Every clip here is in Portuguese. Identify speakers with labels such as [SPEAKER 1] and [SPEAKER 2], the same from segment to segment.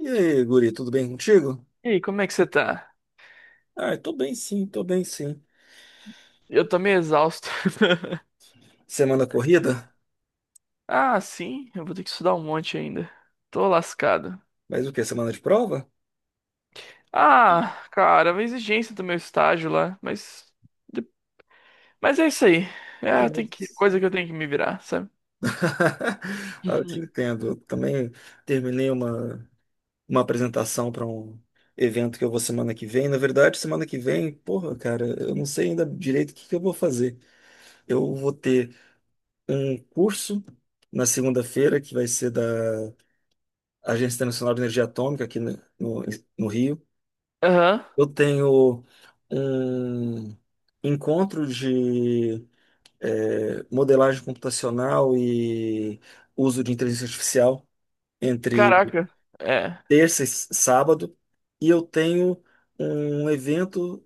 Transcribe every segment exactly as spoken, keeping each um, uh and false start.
[SPEAKER 1] E aí, guri, tudo bem contigo?
[SPEAKER 2] E aí, como é que você tá?
[SPEAKER 1] Ah, tô bem sim, tô bem sim.
[SPEAKER 2] Eu tô meio exausto.
[SPEAKER 1] Semana corrida?
[SPEAKER 2] Ah, sim, eu vou ter que estudar um monte ainda. Tô lascado.
[SPEAKER 1] Mas o quê? Semana de prova?
[SPEAKER 2] Ah, cara, é uma exigência do meu estágio lá, mas. Mas é isso aí.
[SPEAKER 1] Mas-
[SPEAKER 2] É, tem que.
[SPEAKER 1] mas-
[SPEAKER 2] Coisa que eu tenho que me virar, sabe?
[SPEAKER 1] Ah, eu te
[SPEAKER 2] Uhum.
[SPEAKER 1] entendo. Eu também terminei uma, uma apresentação para um evento que eu vou semana que vem. Na verdade, semana que vem, porra, cara, eu não sei ainda direito o que que eu vou fazer. Eu vou ter um curso na segunda-feira, que vai ser da Agência Internacional de Energia Atômica aqui no, no no Rio.
[SPEAKER 2] Aham.
[SPEAKER 1] Eu tenho um encontro de eh, modelagem computacional e uso de inteligência artificial entre
[SPEAKER 2] Caraca. É.
[SPEAKER 1] terça e s- sábado, e eu tenho um evento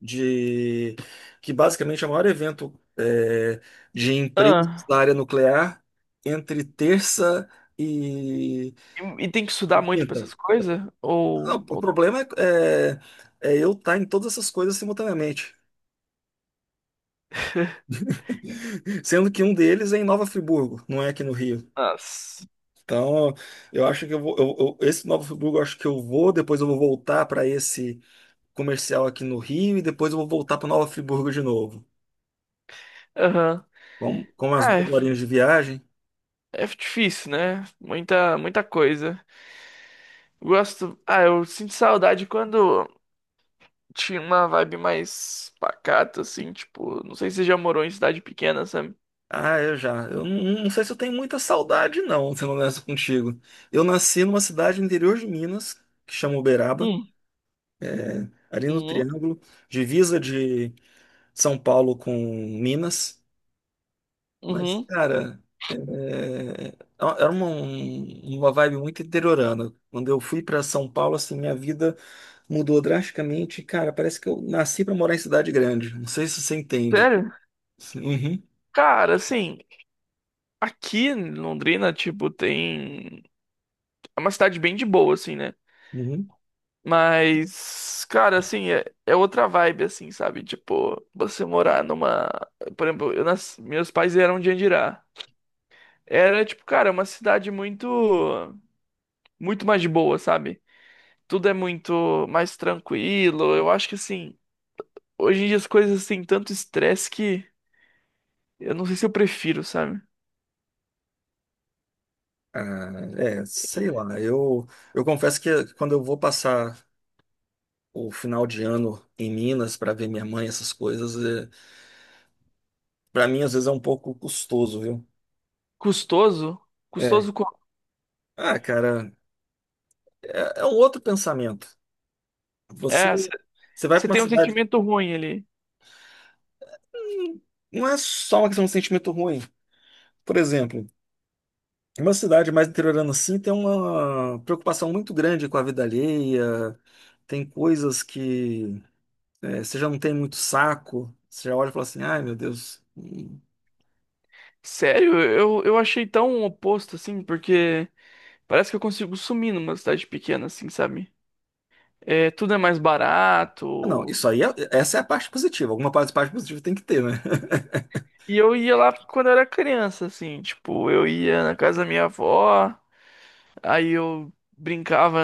[SPEAKER 1] de que basicamente é o maior evento eh, de empresas
[SPEAKER 2] Ah.
[SPEAKER 1] da área nuclear entre terça e
[SPEAKER 2] E, e tem que estudar
[SPEAKER 1] e
[SPEAKER 2] muito pra
[SPEAKER 1] quinta.
[SPEAKER 2] essas coisas?
[SPEAKER 1] Não,
[SPEAKER 2] Ou.
[SPEAKER 1] o
[SPEAKER 2] Ou...
[SPEAKER 1] problema é, é é eu estar em todas essas coisas simultaneamente. Sendo que um deles é em Nova Friburgo, não é aqui no Rio.
[SPEAKER 2] Nossa.
[SPEAKER 1] Então, eu acho que eu vou, eu- eu- esse Nova Friburgo, eu acho que eu vou, depois eu vou voltar para esse comercial aqui no Rio e depois eu vou voltar para Nova Friburgo de novo.
[SPEAKER 2] Aham.
[SPEAKER 1] Vamos, com as
[SPEAKER 2] É,
[SPEAKER 1] duas horinhas de viagem.
[SPEAKER 2] é difícil, né? Muita, muita coisa. Gosto. Ah, eu sinto saudade quando. Tinha uma vibe mais pacata, assim, tipo, não sei se você já morou em cidade pequena, sabe?
[SPEAKER 1] Ah, eu já. Eu não, não sei se eu tenho muita saudade, não, sendo honesto contigo. Eu nasci numa cidade no interior de Minas, que chama Uberaba,
[SPEAKER 2] Hum,
[SPEAKER 1] ali no
[SPEAKER 2] uhum,
[SPEAKER 1] Triângulo, divisa de São Paulo com Minas. Mas,
[SPEAKER 2] uhum.
[SPEAKER 1] cara, é, é, era uma, um- uma vibe muito interiorana. Quando eu fui para São Paulo, assim, minha vida mudou drasticamente. Cara, parece que eu nasci para morar em cidade grande. Não sei se você entende.
[SPEAKER 2] Sério?
[SPEAKER 1] Uhum,
[SPEAKER 2] Cara, assim, aqui em Londrina, tipo, tem. É uma cidade bem de boa, assim, né?
[SPEAKER 1] uhum.
[SPEAKER 2] Mas, cara, assim, é, é outra vibe, assim, sabe? Tipo, você morar numa. Por exemplo, eu nas... meus pais eram de Andirá. Era, tipo, cara, uma cidade muito. Muito mais de boa, sabe? Tudo é muito mais tranquilo. Eu acho que, assim. Hoje em dia as coisas têm tanto estresse que eu não sei se eu prefiro, sabe?
[SPEAKER 1] Ah, é, sei lá. Eu, eu confesso que quando eu vou passar o final de ano em Minas para ver minha mãe, essas coisas, é, para mim às vezes é um pouco custoso, viu?
[SPEAKER 2] Custoso?
[SPEAKER 1] É.
[SPEAKER 2] Custoso como?
[SPEAKER 1] Ah, cara, é, é um outro pensamento. Você,
[SPEAKER 2] É,
[SPEAKER 1] você vai
[SPEAKER 2] você
[SPEAKER 1] para uma
[SPEAKER 2] tem um
[SPEAKER 1] cidade.
[SPEAKER 2] sentimento ruim ali.
[SPEAKER 1] Não é só uma questão de sentimento ruim. Por exemplo, uma cidade mais interiorana assim tem uma preocupação muito grande com a vida alheia, tem coisas que é, você já não tem muito saco, você já olha e fala assim, ai meu Deus. Hum.
[SPEAKER 2] Sério, eu, eu achei tão oposto assim, porque parece que eu consigo sumir numa cidade pequena, assim, sabe? É, tudo é mais
[SPEAKER 1] Não,
[SPEAKER 2] barato.
[SPEAKER 1] isso aí, é, essa é a parte positiva. Alguma parte, parte positiva tem que ter, né?
[SPEAKER 2] E eu ia lá quando eu era criança, assim, tipo, eu ia na casa da minha avó, aí eu brincava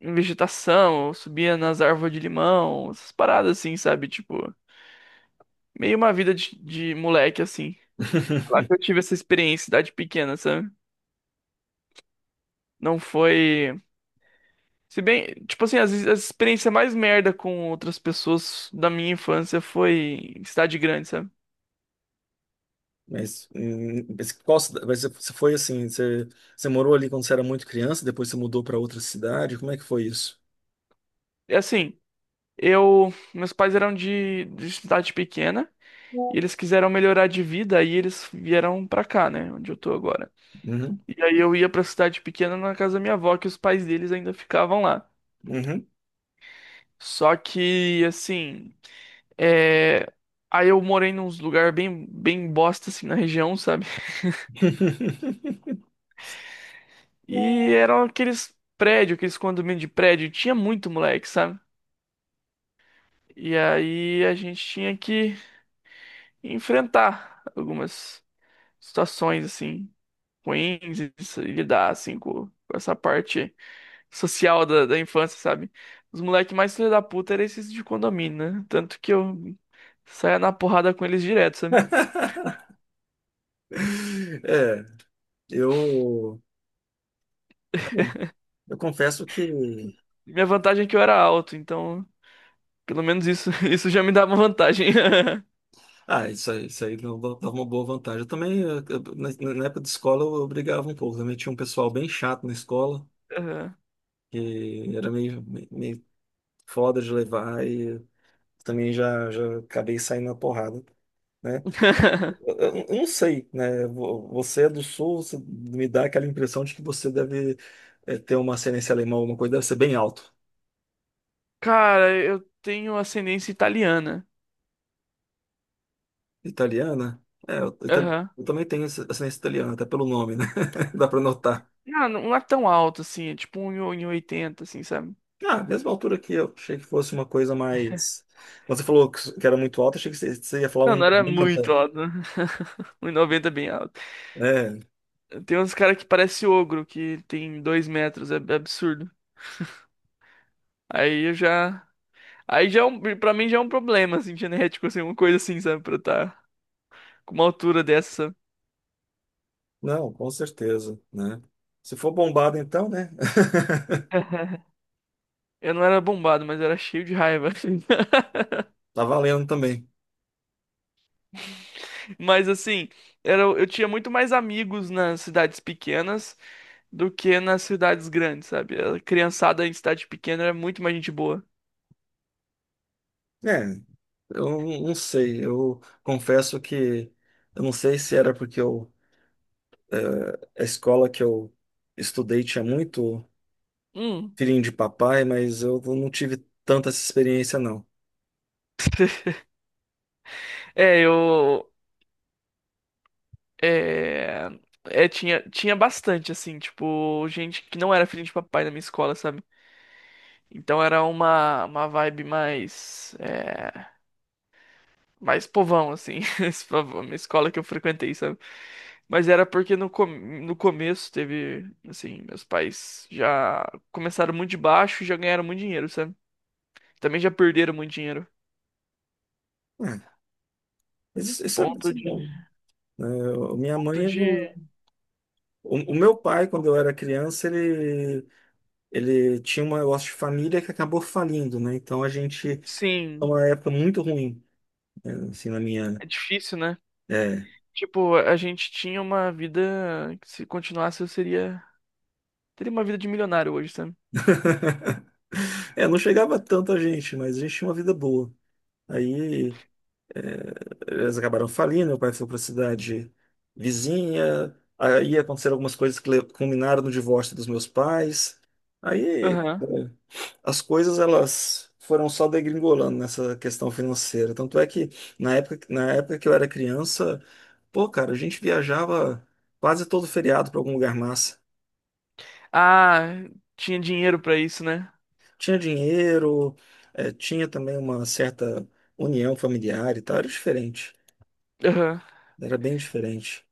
[SPEAKER 2] em vegetação, eu subia nas árvores de limão, essas paradas assim, sabe? Tipo. Meio uma vida de, de moleque, assim. Falar que eu tive essa experiência, idade pequena, sabe? Não foi. Se bem, tipo assim, as, as experiências mais merda com outras pessoas da minha infância foi em cidade grande, sabe?
[SPEAKER 1] Mas, hum, mas qual, cida- mas você foi assim, você, você morou ali quando você era muito criança, depois você mudou para outra cidade, como é que foi isso?
[SPEAKER 2] É assim, eu. Meus pais eram de, de cidade pequena e eles quiseram melhorar de vida, aí eles vieram pra cá, né? Onde eu tô agora.
[SPEAKER 1] Uhum,
[SPEAKER 2] E aí eu ia pra cidade pequena na casa da minha avó, que os pais deles ainda ficavam lá.
[SPEAKER 1] uhum.
[SPEAKER 2] Só que, assim. É, aí eu morei num lugar bem, bem bosta, assim, na região, sabe? E eram aqueles prédios, aqueles condomínios de prédio. Tinha muito moleque, sabe? E aí a gente tinha que enfrentar algumas situações, assim, ruins e se lidar, assim, com, com essa parte social da, da infância, sabe? Os moleques mais filha da puta eram esses de condomínio, né? Tanto que eu saía na porrada com eles direto, sabe?
[SPEAKER 1] É, eu, ah, eu confesso que
[SPEAKER 2] Minha vantagem é que eu era alto, então pelo menos isso, isso já me dá uma vantagem.
[SPEAKER 1] ah, isso aí, isso aí não dá- dava uma boa vantagem. Eu também, eu- eu- na na época de escola, eu brigava um pouco. Também tinha um pessoal bem chato na escola,
[SPEAKER 2] Aham.
[SPEAKER 1] que era meio, meio meio foda de levar, e também já, já acabei saindo na porrada, né? Eu, eu- eu não sei, né? Vo- Você é do Sul, você me dá aquela impressão de que você deve eh, ter uma ascendência alemã, alguma coisa, deve ser bem alto.
[SPEAKER 2] Cara, eu tenho ascendência italiana.
[SPEAKER 1] Italiana? É, eu, ita-
[SPEAKER 2] Aham.
[SPEAKER 1] eu também tenho essa- ascendência italiana, até pelo nome, né? Dá pra notar.
[SPEAKER 2] Não, não é tão alto assim, é tipo um e oitenta assim, sabe?
[SPEAKER 1] Ah, mesma altura que eu, achei que fosse uma coisa mais. Você falou que que era muito alta, achei que você você ia falar
[SPEAKER 2] Não, não
[SPEAKER 1] um
[SPEAKER 2] era muito
[SPEAKER 1] manta.
[SPEAKER 2] alto. Um 1,90 é bem alto.
[SPEAKER 1] É,
[SPEAKER 2] Tem uns caras que parece ogro, que tem dois metros, é é absurdo. Aí eu já. Aí já é um, pra mim já é um problema, assim, genético, assim, uma coisa assim, sabe? Pra eu estar com uma altura dessa.
[SPEAKER 1] não, com certeza, né? Se for bombada, então, né?
[SPEAKER 2] Eu não era bombado, mas eu era cheio de raiva.
[SPEAKER 1] Tá valendo também.
[SPEAKER 2] Mas assim, era, eu tinha muito mais amigos nas cidades pequenas do que nas cidades grandes, sabe? A criançada em cidade pequena era muito mais gente boa.
[SPEAKER 1] É, eu não não sei, eu confesso que eu não sei se era porque eu, a escola que eu estudei tinha muito
[SPEAKER 2] Hum.
[SPEAKER 1] filhinho de papai, mas eu não tive tanta essa experiência, não.
[SPEAKER 2] É, eu. É, é, tinha, tinha bastante, assim, tipo, gente que não era filho de papai na minha escola, sabe? Então era uma, uma vibe mais. É, mais povão, assim, esse povão, uma escola que eu frequentei, sabe? Mas era porque no, com- no começo teve, assim, meus pais já começaram muito de baixo e já ganharam muito dinheiro, sabe? Também já perderam muito dinheiro.
[SPEAKER 1] É, mas isso, isso é,
[SPEAKER 2] Ponto
[SPEAKER 1] isso é
[SPEAKER 2] de,
[SPEAKER 1] bom. Né? Eu- minha
[SPEAKER 2] ponto
[SPEAKER 1] mãe,
[SPEAKER 2] de,
[SPEAKER 1] o, o meu pai, quando eu era criança, ele, ele tinha um negócio de família que acabou falindo, né? Então a gente, é
[SPEAKER 2] sim,
[SPEAKER 1] uma época muito ruim, né? Assim, na minha.
[SPEAKER 2] é difícil, né?
[SPEAKER 1] É.
[SPEAKER 2] Tipo, a gente tinha uma vida que se continuasse eu seria, teria uma vida de milionário hoje, sabe?
[SPEAKER 1] É, não chegava tanto a gente, mas a gente tinha uma vida boa. Aí é, eles acabaram falindo, meu pai foi para a cidade vizinha, aí aconteceram algumas coisas que le- culminaram no divórcio dos meus pais. Aí,
[SPEAKER 2] Aham.
[SPEAKER 1] é, as coisas elas foram só degringolando nessa questão financeira. Tanto é que na época, na época que eu era criança, pô, cara, a gente viajava quase todo feriado para algum lugar massa.
[SPEAKER 2] Ah, tinha dinheiro pra isso, né?
[SPEAKER 1] Tinha dinheiro, eh, tinha também uma certa união familiar e tal. Era diferente.
[SPEAKER 2] Aham.
[SPEAKER 1] Era bem diferente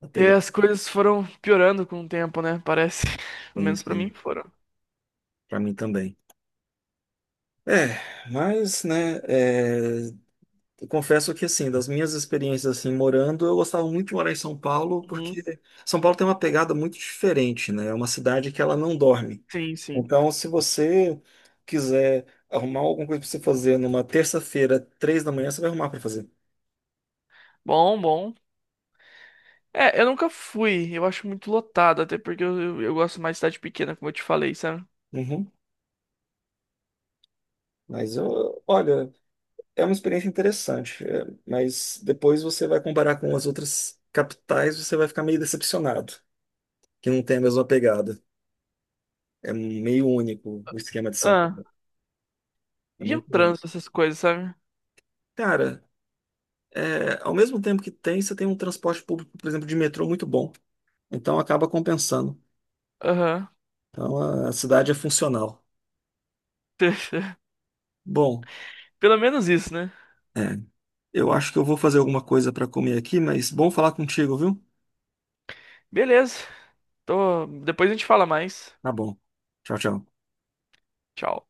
[SPEAKER 1] a
[SPEAKER 2] E
[SPEAKER 1] pegada,
[SPEAKER 2] as coisas foram piorando com o tempo, né? Parece. Pelo menos pra mim
[SPEAKER 1] assim,
[SPEAKER 2] foram.
[SPEAKER 1] para mim também. É, mas, né, eh, Eu confesso que, assim, das minhas experiências, assim, morando, eu gostava muito de morar em São Paulo,
[SPEAKER 2] Uhum.
[SPEAKER 1] porque São Paulo tem uma pegada muito diferente, né? É uma cidade que ela não dorme.
[SPEAKER 2] Sim, sim.
[SPEAKER 1] Então, se você quiser arrumar alguma coisa para você fazer numa terça-feira, três da manhã, você vai arrumar para fazer.
[SPEAKER 2] Bom, bom. É, eu nunca fui. Eu acho muito lotado, até porque eu, eu, eu gosto mais de cidade pequena, como eu te falei, sabe?
[SPEAKER 1] Uhum. Mas, eu, olha, é uma experiência interessante, é, mas depois você vai comparar com as outras capitais, você vai ficar meio decepcionado, que não tem a mesma pegada. É meio único o esquema de São
[SPEAKER 2] Ah,
[SPEAKER 1] Paulo. É
[SPEAKER 2] e o
[SPEAKER 1] muito único.
[SPEAKER 2] trânsito, essas coisas, sabe?
[SPEAKER 1] Cara, é, ao mesmo tempo que tem, você tem um transporte público, por exemplo, de metrô muito bom. Então acaba compensando.
[SPEAKER 2] Aham.
[SPEAKER 1] Então a, a cidade é funcional. Bom,
[SPEAKER 2] Pelo menos isso, né?
[SPEAKER 1] é, eu acho que eu vou fazer alguma coisa para comer aqui, mas bom falar contigo, viu?
[SPEAKER 2] Beleza. Tô... Depois a gente fala mais.
[SPEAKER 1] Tá bom. Tchau, tchau.
[SPEAKER 2] Tchau.